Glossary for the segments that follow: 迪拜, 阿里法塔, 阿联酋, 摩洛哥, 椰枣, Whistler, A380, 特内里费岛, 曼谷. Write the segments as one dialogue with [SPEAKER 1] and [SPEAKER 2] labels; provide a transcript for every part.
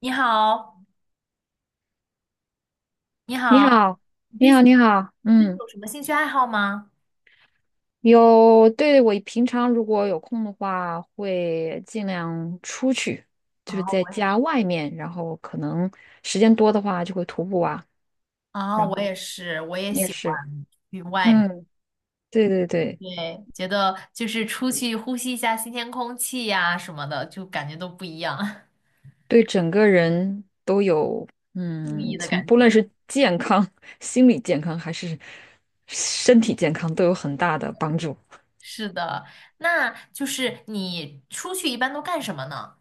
[SPEAKER 1] 你好，你
[SPEAKER 2] 你
[SPEAKER 1] 好，
[SPEAKER 2] 好，
[SPEAKER 1] 你
[SPEAKER 2] 你
[SPEAKER 1] 最
[SPEAKER 2] 好，
[SPEAKER 1] 近
[SPEAKER 2] 你好，
[SPEAKER 1] 你最近
[SPEAKER 2] 嗯，
[SPEAKER 1] 有什么兴趣爱好吗？
[SPEAKER 2] 有，对，我平常如果有空的话，会尽量出去，就是
[SPEAKER 1] 啊，
[SPEAKER 2] 在
[SPEAKER 1] 我
[SPEAKER 2] 家外面，然后可能时间多的话就会徒步啊，
[SPEAKER 1] 啊，
[SPEAKER 2] 然
[SPEAKER 1] 我
[SPEAKER 2] 后
[SPEAKER 1] 也是，我也
[SPEAKER 2] 你也
[SPEAKER 1] 喜
[SPEAKER 2] 是，
[SPEAKER 1] 欢去外面。
[SPEAKER 2] 嗯，对对对，
[SPEAKER 1] 对，觉得就是出去呼吸一下新鲜空气呀、什么的，就感觉都不一样，
[SPEAKER 2] 对整个人都有，
[SPEAKER 1] 注意的
[SPEAKER 2] 从
[SPEAKER 1] 感
[SPEAKER 2] 不论
[SPEAKER 1] 觉。
[SPEAKER 2] 是 健康、心理健康还是身体健康都有很大的帮助。
[SPEAKER 1] 是的，那就是你出去一般都干什么呢？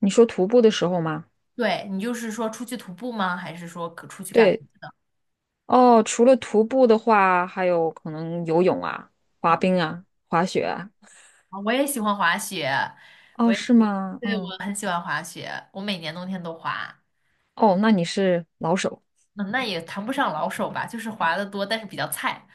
[SPEAKER 2] 你说徒步的时候吗？
[SPEAKER 1] 对，你就是说出去徒步吗？还是说可出去干？
[SPEAKER 2] 对哦，除了徒步的话，还有可能游泳啊、滑
[SPEAKER 1] 嗯，
[SPEAKER 2] 冰啊、滑雪啊。
[SPEAKER 1] 啊我也喜欢滑雪，我
[SPEAKER 2] 哦，
[SPEAKER 1] 也喜，
[SPEAKER 2] 是吗？
[SPEAKER 1] 对，
[SPEAKER 2] 嗯，
[SPEAKER 1] 我很喜欢滑雪，我每年冬天都滑。
[SPEAKER 2] 哦，那你是老手
[SPEAKER 1] 嗯，那也谈不上老手吧，就是滑的多，但是比较菜。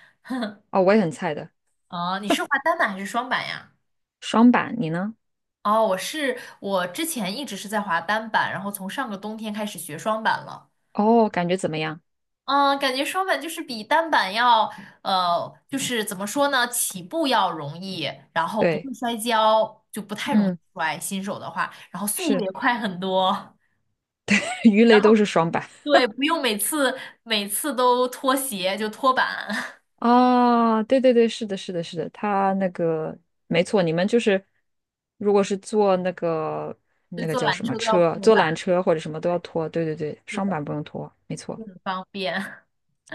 [SPEAKER 2] 哦，我也很菜的。
[SPEAKER 1] 啊。你是滑单板还是双板呀？
[SPEAKER 2] 双板，你呢？
[SPEAKER 1] 哦，我之前一直是在滑单板，然后从上个冬天开始学双板了。
[SPEAKER 2] 哦，感觉怎么样？
[SPEAKER 1] 嗯，感觉双板就是比单板要，就是怎么说呢，起步要容易，然后不
[SPEAKER 2] 对，
[SPEAKER 1] 会摔跤，就不太容易
[SPEAKER 2] 嗯，
[SPEAKER 1] 摔，新手的话，然后速度
[SPEAKER 2] 是，
[SPEAKER 1] 也快很多。
[SPEAKER 2] 鱼雷都是双板
[SPEAKER 1] 对，不用每次都脱鞋，就脱板。
[SPEAKER 2] 啊。对对对，是的，是的，是的，他那个没错，你们就是如果是坐那个
[SPEAKER 1] 对，坐
[SPEAKER 2] 叫
[SPEAKER 1] 缆
[SPEAKER 2] 什么
[SPEAKER 1] 车都要
[SPEAKER 2] 车，
[SPEAKER 1] 脱
[SPEAKER 2] 坐
[SPEAKER 1] 板，
[SPEAKER 2] 缆车或者什么都要拖。对对对，
[SPEAKER 1] 是
[SPEAKER 2] 双
[SPEAKER 1] 的，
[SPEAKER 2] 板不用拖，没错。
[SPEAKER 1] 就很方便。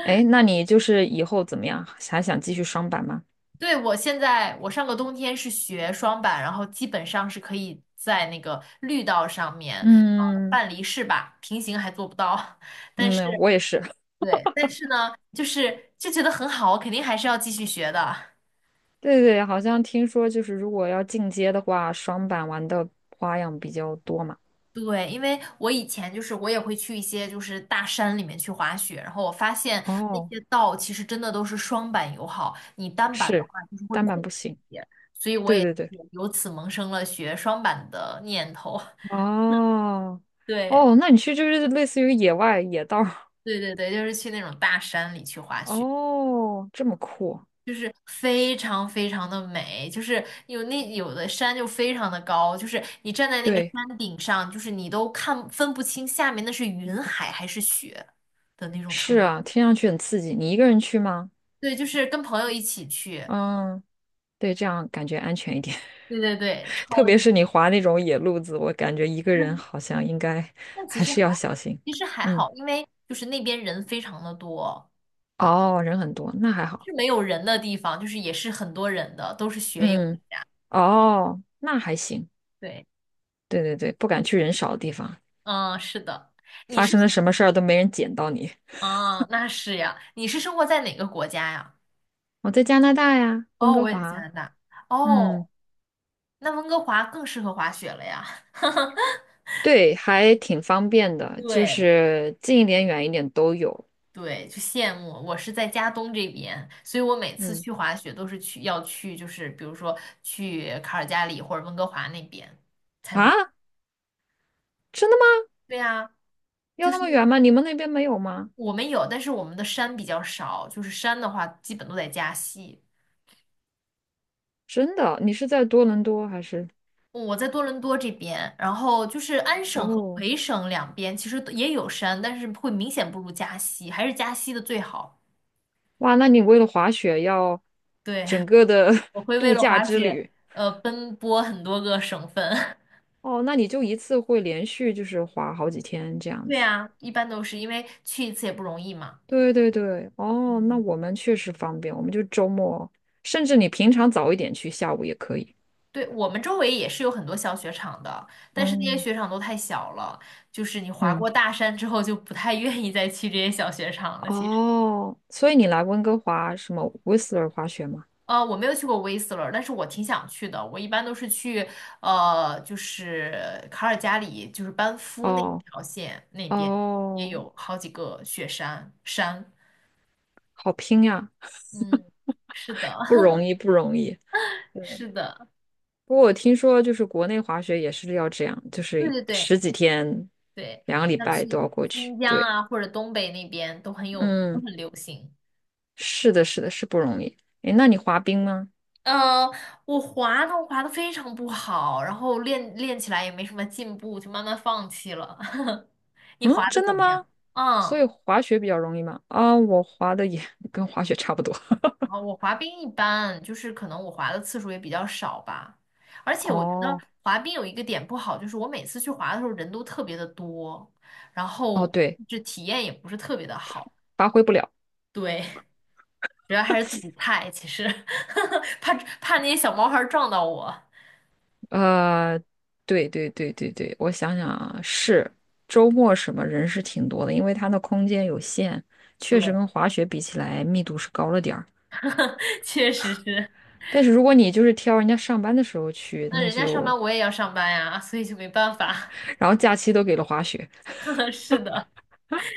[SPEAKER 2] 哎，那你就是以后怎么样？还想继续双板吗？
[SPEAKER 1] 对，我现在我上个冬天是学双板，然后基本上是可以在那个绿道上面，呃，
[SPEAKER 2] 嗯
[SPEAKER 1] 半离式吧，平行还做不到，但是
[SPEAKER 2] 嗯，我也是。
[SPEAKER 1] 对，但是呢，就觉得很好，我肯定还是要继续学的。
[SPEAKER 2] 对对，好像听说就是如果要进阶的话，双板玩的花样比较多嘛。
[SPEAKER 1] 对，因为我以前就是我也会去一些就是大山里面去滑雪，然后我发现那
[SPEAKER 2] 哦，
[SPEAKER 1] 些道其实真的都是双板友好，你单板的话
[SPEAKER 2] 是，
[SPEAKER 1] 就是会
[SPEAKER 2] 单板
[SPEAKER 1] 困
[SPEAKER 2] 不
[SPEAKER 1] 难
[SPEAKER 2] 行。
[SPEAKER 1] 一些，所以我
[SPEAKER 2] 对
[SPEAKER 1] 也是
[SPEAKER 2] 对对。
[SPEAKER 1] 由此萌生了学双板的念头。
[SPEAKER 2] 哦
[SPEAKER 1] 对。
[SPEAKER 2] 哦，那你去就是类似于野外野道儿
[SPEAKER 1] 对对对，就是去那种大山里去 滑雪，
[SPEAKER 2] 哦，这么酷。
[SPEAKER 1] 就是非常非常的美，就是有的山就非常的高，就是你站在那个
[SPEAKER 2] 对，
[SPEAKER 1] 山顶上，就是你都分不清下面那是云海还是雪的那种
[SPEAKER 2] 是
[SPEAKER 1] 程度。
[SPEAKER 2] 啊，听上去很刺激。你一个人去吗？
[SPEAKER 1] 对，就是跟朋友一起去，
[SPEAKER 2] 嗯，对，这样感觉安全一点。
[SPEAKER 1] 对对对，
[SPEAKER 2] 特
[SPEAKER 1] 超
[SPEAKER 2] 别
[SPEAKER 1] 级。
[SPEAKER 2] 是你滑那种野路子，我感觉一个人好像应该
[SPEAKER 1] 但其
[SPEAKER 2] 还
[SPEAKER 1] 实
[SPEAKER 2] 是要
[SPEAKER 1] 还
[SPEAKER 2] 小心。
[SPEAKER 1] 其实还
[SPEAKER 2] 嗯，
[SPEAKER 1] 好，因为就是那边人非常的多，
[SPEAKER 2] 哦，人很多，那还好。
[SPEAKER 1] 是没有人的地方，就是也是很多人的，都是学友。
[SPEAKER 2] 嗯，哦，那还行。
[SPEAKER 1] 对，
[SPEAKER 2] 对对对，不敢去人少的地方，
[SPEAKER 1] 嗯，是的。你
[SPEAKER 2] 发
[SPEAKER 1] 是
[SPEAKER 2] 生了什么事儿都没人捡到你。
[SPEAKER 1] 啊，那是呀。你是生活在哪个国家呀？
[SPEAKER 2] 我在加拿大呀，温
[SPEAKER 1] 哦，
[SPEAKER 2] 哥
[SPEAKER 1] 我也在加拿
[SPEAKER 2] 华。
[SPEAKER 1] 大。哦，
[SPEAKER 2] 嗯，
[SPEAKER 1] 那温哥华更适合滑雪了呀。
[SPEAKER 2] 对，还挺方便的，就
[SPEAKER 1] 对
[SPEAKER 2] 是近一点、远一点都有。
[SPEAKER 1] 对，就羡慕。我是在加东这边，所以我每次
[SPEAKER 2] 嗯，
[SPEAKER 1] 去滑雪都是要去，就是比如说去卡尔加里或者温哥华那边才能。
[SPEAKER 2] 啊，真的吗？
[SPEAKER 1] 对呀，
[SPEAKER 2] 要
[SPEAKER 1] 就
[SPEAKER 2] 那
[SPEAKER 1] 是
[SPEAKER 2] 么
[SPEAKER 1] 因
[SPEAKER 2] 远
[SPEAKER 1] 为
[SPEAKER 2] 吗？你们那边没有吗？
[SPEAKER 1] 我们有，但是我们的山比较少，就是山的话基本都在加西。
[SPEAKER 2] 真的，你是在多伦多还是？
[SPEAKER 1] 我在多伦多这边，然后就是安省和
[SPEAKER 2] 哦。
[SPEAKER 1] 魁省两边其实都也有山，但是会明显不如加西，还是加西的最好。
[SPEAKER 2] 哇，那你为了滑雪要
[SPEAKER 1] 对，
[SPEAKER 2] 整 个的
[SPEAKER 1] 我 会为
[SPEAKER 2] 度
[SPEAKER 1] 了
[SPEAKER 2] 假
[SPEAKER 1] 滑
[SPEAKER 2] 之
[SPEAKER 1] 雪，
[SPEAKER 2] 旅
[SPEAKER 1] 奔波很多个省份。
[SPEAKER 2] 哦，那你就一次会连续就是滑好几天这 样
[SPEAKER 1] 对
[SPEAKER 2] 子。
[SPEAKER 1] 啊，一般都是因为去一次也不容易嘛。
[SPEAKER 2] 对对对，哦，那
[SPEAKER 1] 嗯，
[SPEAKER 2] 我们确实方便，我们就周末，甚至你平常早一点去，下午也可以。
[SPEAKER 1] 对，我们周围也是有很多小雪场的，但是那些
[SPEAKER 2] 嗯
[SPEAKER 1] 雪场都太小了，就是你滑过
[SPEAKER 2] 嗯，
[SPEAKER 1] 大山之后就不太 愿意再去这些小雪场了。其实。
[SPEAKER 2] 哦，所以你来温哥华什么 Whistler 滑雪吗？
[SPEAKER 1] 我没有去过威斯勒，但是我挺想去的。我一般都是去就是卡尔加里，就是班夫那
[SPEAKER 2] 哦
[SPEAKER 1] 条线那边也
[SPEAKER 2] 哦，
[SPEAKER 1] 有好几个雪山。
[SPEAKER 2] 好拼呀，
[SPEAKER 1] 嗯，是 的，
[SPEAKER 2] 不 容易不容易。对。
[SPEAKER 1] 是的，
[SPEAKER 2] 不过我听说就是国内滑雪也是要这样，就
[SPEAKER 1] 对
[SPEAKER 2] 是
[SPEAKER 1] 对对
[SPEAKER 2] 十几天、
[SPEAKER 1] 对，
[SPEAKER 2] 两个礼
[SPEAKER 1] 像
[SPEAKER 2] 拜都
[SPEAKER 1] 去
[SPEAKER 2] 要过去。
[SPEAKER 1] 新疆
[SPEAKER 2] 对，
[SPEAKER 1] 啊或者东北那边都很有，都
[SPEAKER 2] 嗯，
[SPEAKER 1] 很流行。
[SPEAKER 2] 是的，是的，是不容易。诶，那你滑冰吗？
[SPEAKER 1] 呃，我滑呢，我滑的非常不好，然后练起来也没什么进步，就慢慢放弃了。你
[SPEAKER 2] 嗯，
[SPEAKER 1] 滑的
[SPEAKER 2] 真
[SPEAKER 1] 怎
[SPEAKER 2] 的
[SPEAKER 1] 么样？
[SPEAKER 2] 吗？所以
[SPEAKER 1] 嗯。
[SPEAKER 2] 滑雪比较容易吗？啊，我滑的也 跟滑雪差不多。
[SPEAKER 1] 啊，我滑冰一般，就是可能我滑的次数也比较少吧。而 且我觉得
[SPEAKER 2] 哦，
[SPEAKER 1] 滑冰有一个点不好，就是我每次去滑的时候人都特别的多，然
[SPEAKER 2] 哦，
[SPEAKER 1] 后
[SPEAKER 2] 对，
[SPEAKER 1] 这体验也不是特别的好。
[SPEAKER 2] 发挥不了。
[SPEAKER 1] 对，主要还是自己菜，其实 怕那些小毛孩儿撞到我。
[SPEAKER 2] 呃，对对对对对，我想想啊，是周末什么人是挺多的，因为它的空间有限，确
[SPEAKER 1] 对，
[SPEAKER 2] 实跟滑雪比起来密度是高了点儿。
[SPEAKER 1] 确实是。
[SPEAKER 2] 但是如果你就是挑人家上班的时候去，
[SPEAKER 1] 那
[SPEAKER 2] 那
[SPEAKER 1] 人家上
[SPEAKER 2] 就，
[SPEAKER 1] 班我也要上班呀，所以就没办法。
[SPEAKER 2] 然后假期都给了滑雪，
[SPEAKER 1] 是的，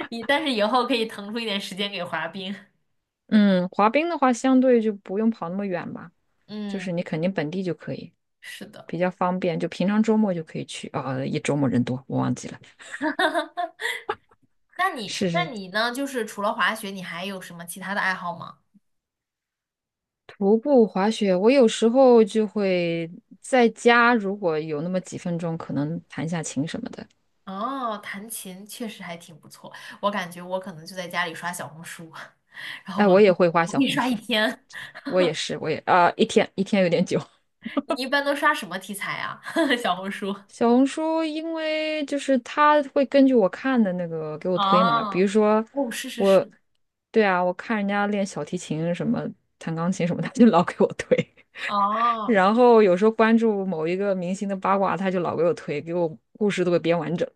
[SPEAKER 1] 以但是以后可以腾出一点时间给滑冰。
[SPEAKER 2] 嗯，滑冰的话相对就不用跑那么远吧，就
[SPEAKER 1] 嗯，
[SPEAKER 2] 是你肯定本地就可以，
[SPEAKER 1] 是的。
[SPEAKER 2] 比较方便，就平常周末就可以去啊，一周末人多，我忘记了。是
[SPEAKER 1] 那
[SPEAKER 2] 是，
[SPEAKER 1] 你呢？就是除了滑雪，你还有什么其他的爱好吗？
[SPEAKER 2] 徒步滑雪，我有时候就会在家，如果有那么几分钟，可能弹下琴什么的。
[SPEAKER 1] 哦，弹琴确实还挺不错，我感觉我可能就在家里刷小红书，然后
[SPEAKER 2] 哎，
[SPEAKER 1] 我
[SPEAKER 2] 我也会画
[SPEAKER 1] 我
[SPEAKER 2] 小
[SPEAKER 1] 可以
[SPEAKER 2] 红
[SPEAKER 1] 刷一
[SPEAKER 2] 书，
[SPEAKER 1] 天。
[SPEAKER 2] 我也是，我也啊、一天一天有点久。
[SPEAKER 1] 你一般都刷什么题材啊？小红书？
[SPEAKER 2] 小红书，因为就是它会根据我看的那个给我推嘛，比
[SPEAKER 1] 哦，
[SPEAKER 2] 如说
[SPEAKER 1] 哦，是是
[SPEAKER 2] 我，
[SPEAKER 1] 是，
[SPEAKER 2] 对啊，我看人家练小提琴什么、弹钢琴什么，他就老给我推。
[SPEAKER 1] 哦。
[SPEAKER 2] 然后有时候关注某一个明星的八卦，他就老给我推，给我故事都给编完整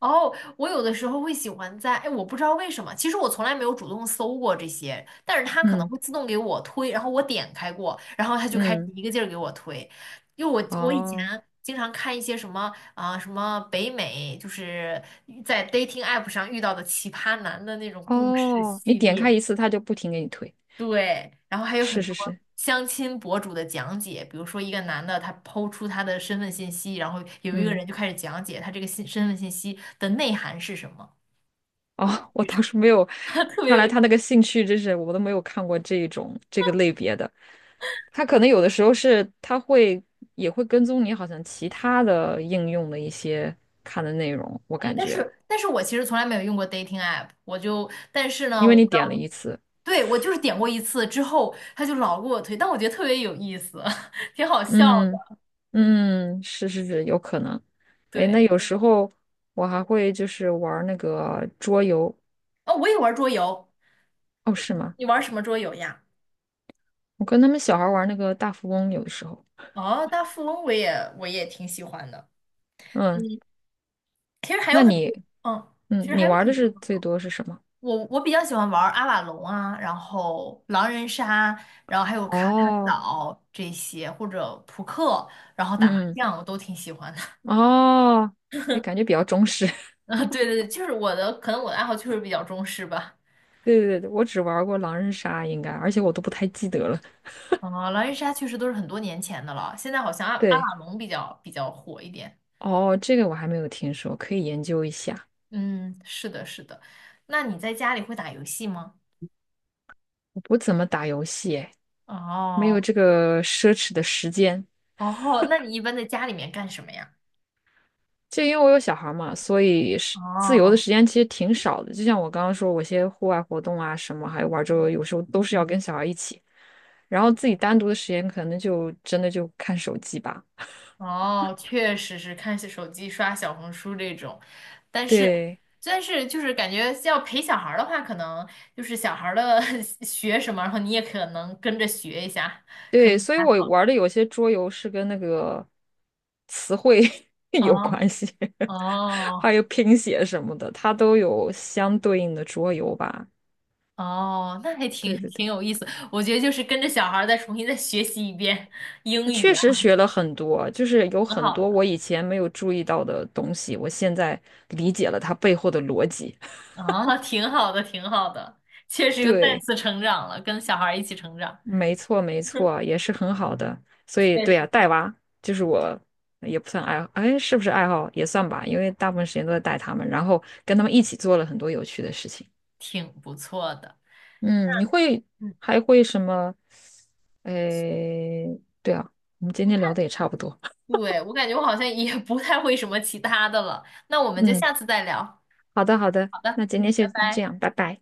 [SPEAKER 1] 哦，我有的时候会喜欢在，哎，我不知道为什么，其实我从来没有主动搜过这些，但是 它可能
[SPEAKER 2] 嗯
[SPEAKER 1] 会自动给我推，然后我点开过，然后它就开始
[SPEAKER 2] 嗯，
[SPEAKER 1] 一个劲儿给我推，因为我以前
[SPEAKER 2] 哦
[SPEAKER 1] 经常看一些什么啊、什么北美，就是在 dating app 上遇到的奇葩男的那种故事
[SPEAKER 2] 哦，你
[SPEAKER 1] 系
[SPEAKER 2] 点
[SPEAKER 1] 列，
[SPEAKER 2] 开一次，他就不停给你推。
[SPEAKER 1] 对，然后还有
[SPEAKER 2] 是
[SPEAKER 1] 很多
[SPEAKER 2] 是是，
[SPEAKER 1] 相亲博主的讲解，比如说一个男的他抛出他的身份信息，然后有一个
[SPEAKER 2] 嗯，
[SPEAKER 1] 人就开始讲解他这个身份信息的内涵是什么。
[SPEAKER 2] 哦，我
[SPEAKER 1] 女
[SPEAKER 2] 倒
[SPEAKER 1] 装，
[SPEAKER 2] 是没有，
[SPEAKER 1] 特别
[SPEAKER 2] 看
[SPEAKER 1] 有
[SPEAKER 2] 来
[SPEAKER 1] 意
[SPEAKER 2] 他那
[SPEAKER 1] 思。
[SPEAKER 2] 个兴趣真是我都没有看过这一种这个类别的。他可能有的时候是他也会跟踪你，好像其他的应用的一些看的内容，我
[SPEAKER 1] 嗯，
[SPEAKER 2] 感
[SPEAKER 1] 但
[SPEAKER 2] 觉，
[SPEAKER 1] 是但是我其实从来没有用过 dating app，但是呢，
[SPEAKER 2] 因为
[SPEAKER 1] 我
[SPEAKER 2] 你
[SPEAKER 1] 不知
[SPEAKER 2] 点了
[SPEAKER 1] 道，
[SPEAKER 2] 一次，
[SPEAKER 1] 对，我就是点过一次之后，他就老给我推，但我觉得特别有意思，挺好笑
[SPEAKER 2] 嗯
[SPEAKER 1] 的。
[SPEAKER 2] 嗯，是是是，有可能。哎，那
[SPEAKER 1] 对，
[SPEAKER 2] 有时候我还会就是玩儿那个桌游，
[SPEAKER 1] 哦，我也玩桌游，
[SPEAKER 2] 哦，是
[SPEAKER 1] 你
[SPEAKER 2] 吗？
[SPEAKER 1] 你玩什么桌游呀？
[SPEAKER 2] 我跟他们小孩儿玩儿那个大富翁，有的时候，
[SPEAKER 1] 哦，大富翁我也挺喜欢的。
[SPEAKER 2] 嗯，
[SPEAKER 1] 其实还
[SPEAKER 2] 那
[SPEAKER 1] 有很多，
[SPEAKER 2] 你，
[SPEAKER 1] 嗯，其
[SPEAKER 2] 嗯，
[SPEAKER 1] 实
[SPEAKER 2] 你
[SPEAKER 1] 还有
[SPEAKER 2] 玩儿
[SPEAKER 1] 挺
[SPEAKER 2] 的是
[SPEAKER 1] 多。
[SPEAKER 2] 最多是什么？
[SPEAKER 1] 我比较喜欢玩阿瓦隆啊，然后狼人杀，然后还有卡坦
[SPEAKER 2] 哦，
[SPEAKER 1] 岛这些，或者扑克，然后打麻
[SPEAKER 2] 嗯
[SPEAKER 1] 将，我都挺喜欢的。
[SPEAKER 2] 嗯，哦，哎，感觉比较中式。
[SPEAKER 1] 啊，对对对，就是我的，可能我的爱好确实比较中式吧。
[SPEAKER 2] 对对对，我只玩过狼人杀，应该，而且我都不太记得了。
[SPEAKER 1] 啊，狼人杀确实都是很多年前的了，现在好像阿阿
[SPEAKER 2] 对，
[SPEAKER 1] 瓦隆比较火一点。
[SPEAKER 2] 哦，这个我还没有听说，可以研究一下。
[SPEAKER 1] 嗯，是的，是的。那你在家里会打游戏吗？
[SPEAKER 2] 我不怎么打游戏，哎，没
[SPEAKER 1] 哦
[SPEAKER 2] 有这个奢侈的时间。
[SPEAKER 1] 哦，那你一般在家里面干什么呀？
[SPEAKER 2] 就因为我有小孩嘛，所以是自由的
[SPEAKER 1] 哦
[SPEAKER 2] 时间其实挺少的。就像我刚刚说，我一些户外活动啊什么，还有玩桌游，有时候都是要跟小孩一起。然后自己单独的时间，可能就真的就看手机吧。
[SPEAKER 1] 哦，确实是看手机、刷小红书这种，但是
[SPEAKER 2] 对。
[SPEAKER 1] 就是感觉要陪小孩儿的话，可能就是小孩儿的 学什么，然后你也可能跟着学一下，可
[SPEAKER 2] 对，
[SPEAKER 1] 能
[SPEAKER 2] 所以
[SPEAKER 1] 还。
[SPEAKER 2] 我玩的有些桌游是跟那个词汇 有
[SPEAKER 1] 哦
[SPEAKER 2] 关系，还
[SPEAKER 1] 哦
[SPEAKER 2] 有拼写什么的，它都有相对应的桌游吧。
[SPEAKER 1] 哦，那还
[SPEAKER 2] 对
[SPEAKER 1] 挺
[SPEAKER 2] 对对，
[SPEAKER 1] 挺有意思。我觉得就是跟着小孩儿再重新再学习一遍英语
[SPEAKER 2] 确
[SPEAKER 1] 啊，
[SPEAKER 2] 实学了很多，就是有
[SPEAKER 1] 挺
[SPEAKER 2] 很
[SPEAKER 1] 好
[SPEAKER 2] 多
[SPEAKER 1] 的。
[SPEAKER 2] 我以前没有注意到的东西，我现在理解了它背后的逻辑。
[SPEAKER 1] 啊，挺好的，挺好的，确 实又再
[SPEAKER 2] 对。
[SPEAKER 1] 次成长了，跟小孩儿一起成长，
[SPEAKER 2] 没错，没错，也是很好的。所以，
[SPEAKER 1] 确
[SPEAKER 2] 对呀、
[SPEAKER 1] 实
[SPEAKER 2] 带娃就是我也不算爱好，哎，是不是爱好也算吧？因为大部分时间都在带他们，然后跟他们一起做了很多有趣的事情。
[SPEAKER 1] 挺不错的。
[SPEAKER 2] 嗯，你会
[SPEAKER 1] 嗯，
[SPEAKER 2] 还会什么？哎，对啊，我们今
[SPEAKER 1] 不
[SPEAKER 2] 天
[SPEAKER 1] 太，
[SPEAKER 2] 聊的也差不多。
[SPEAKER 1] 对，我感觉我好像也不太会什么其他的了。那我们就
[SPEAKER 2] 嗯，
[SPEAKER 1] 下次再聊。
[SPEAKER 2] 好的，好的，
[SPEAKER 1] 好的，
[SPEAKER 2] 那今天
[SPEAKER 1] 嗯，拜
[SPEAKER 2] 先这
[SPEAKER 1] 拜。
[SPEAKER 2] 样，拜拜。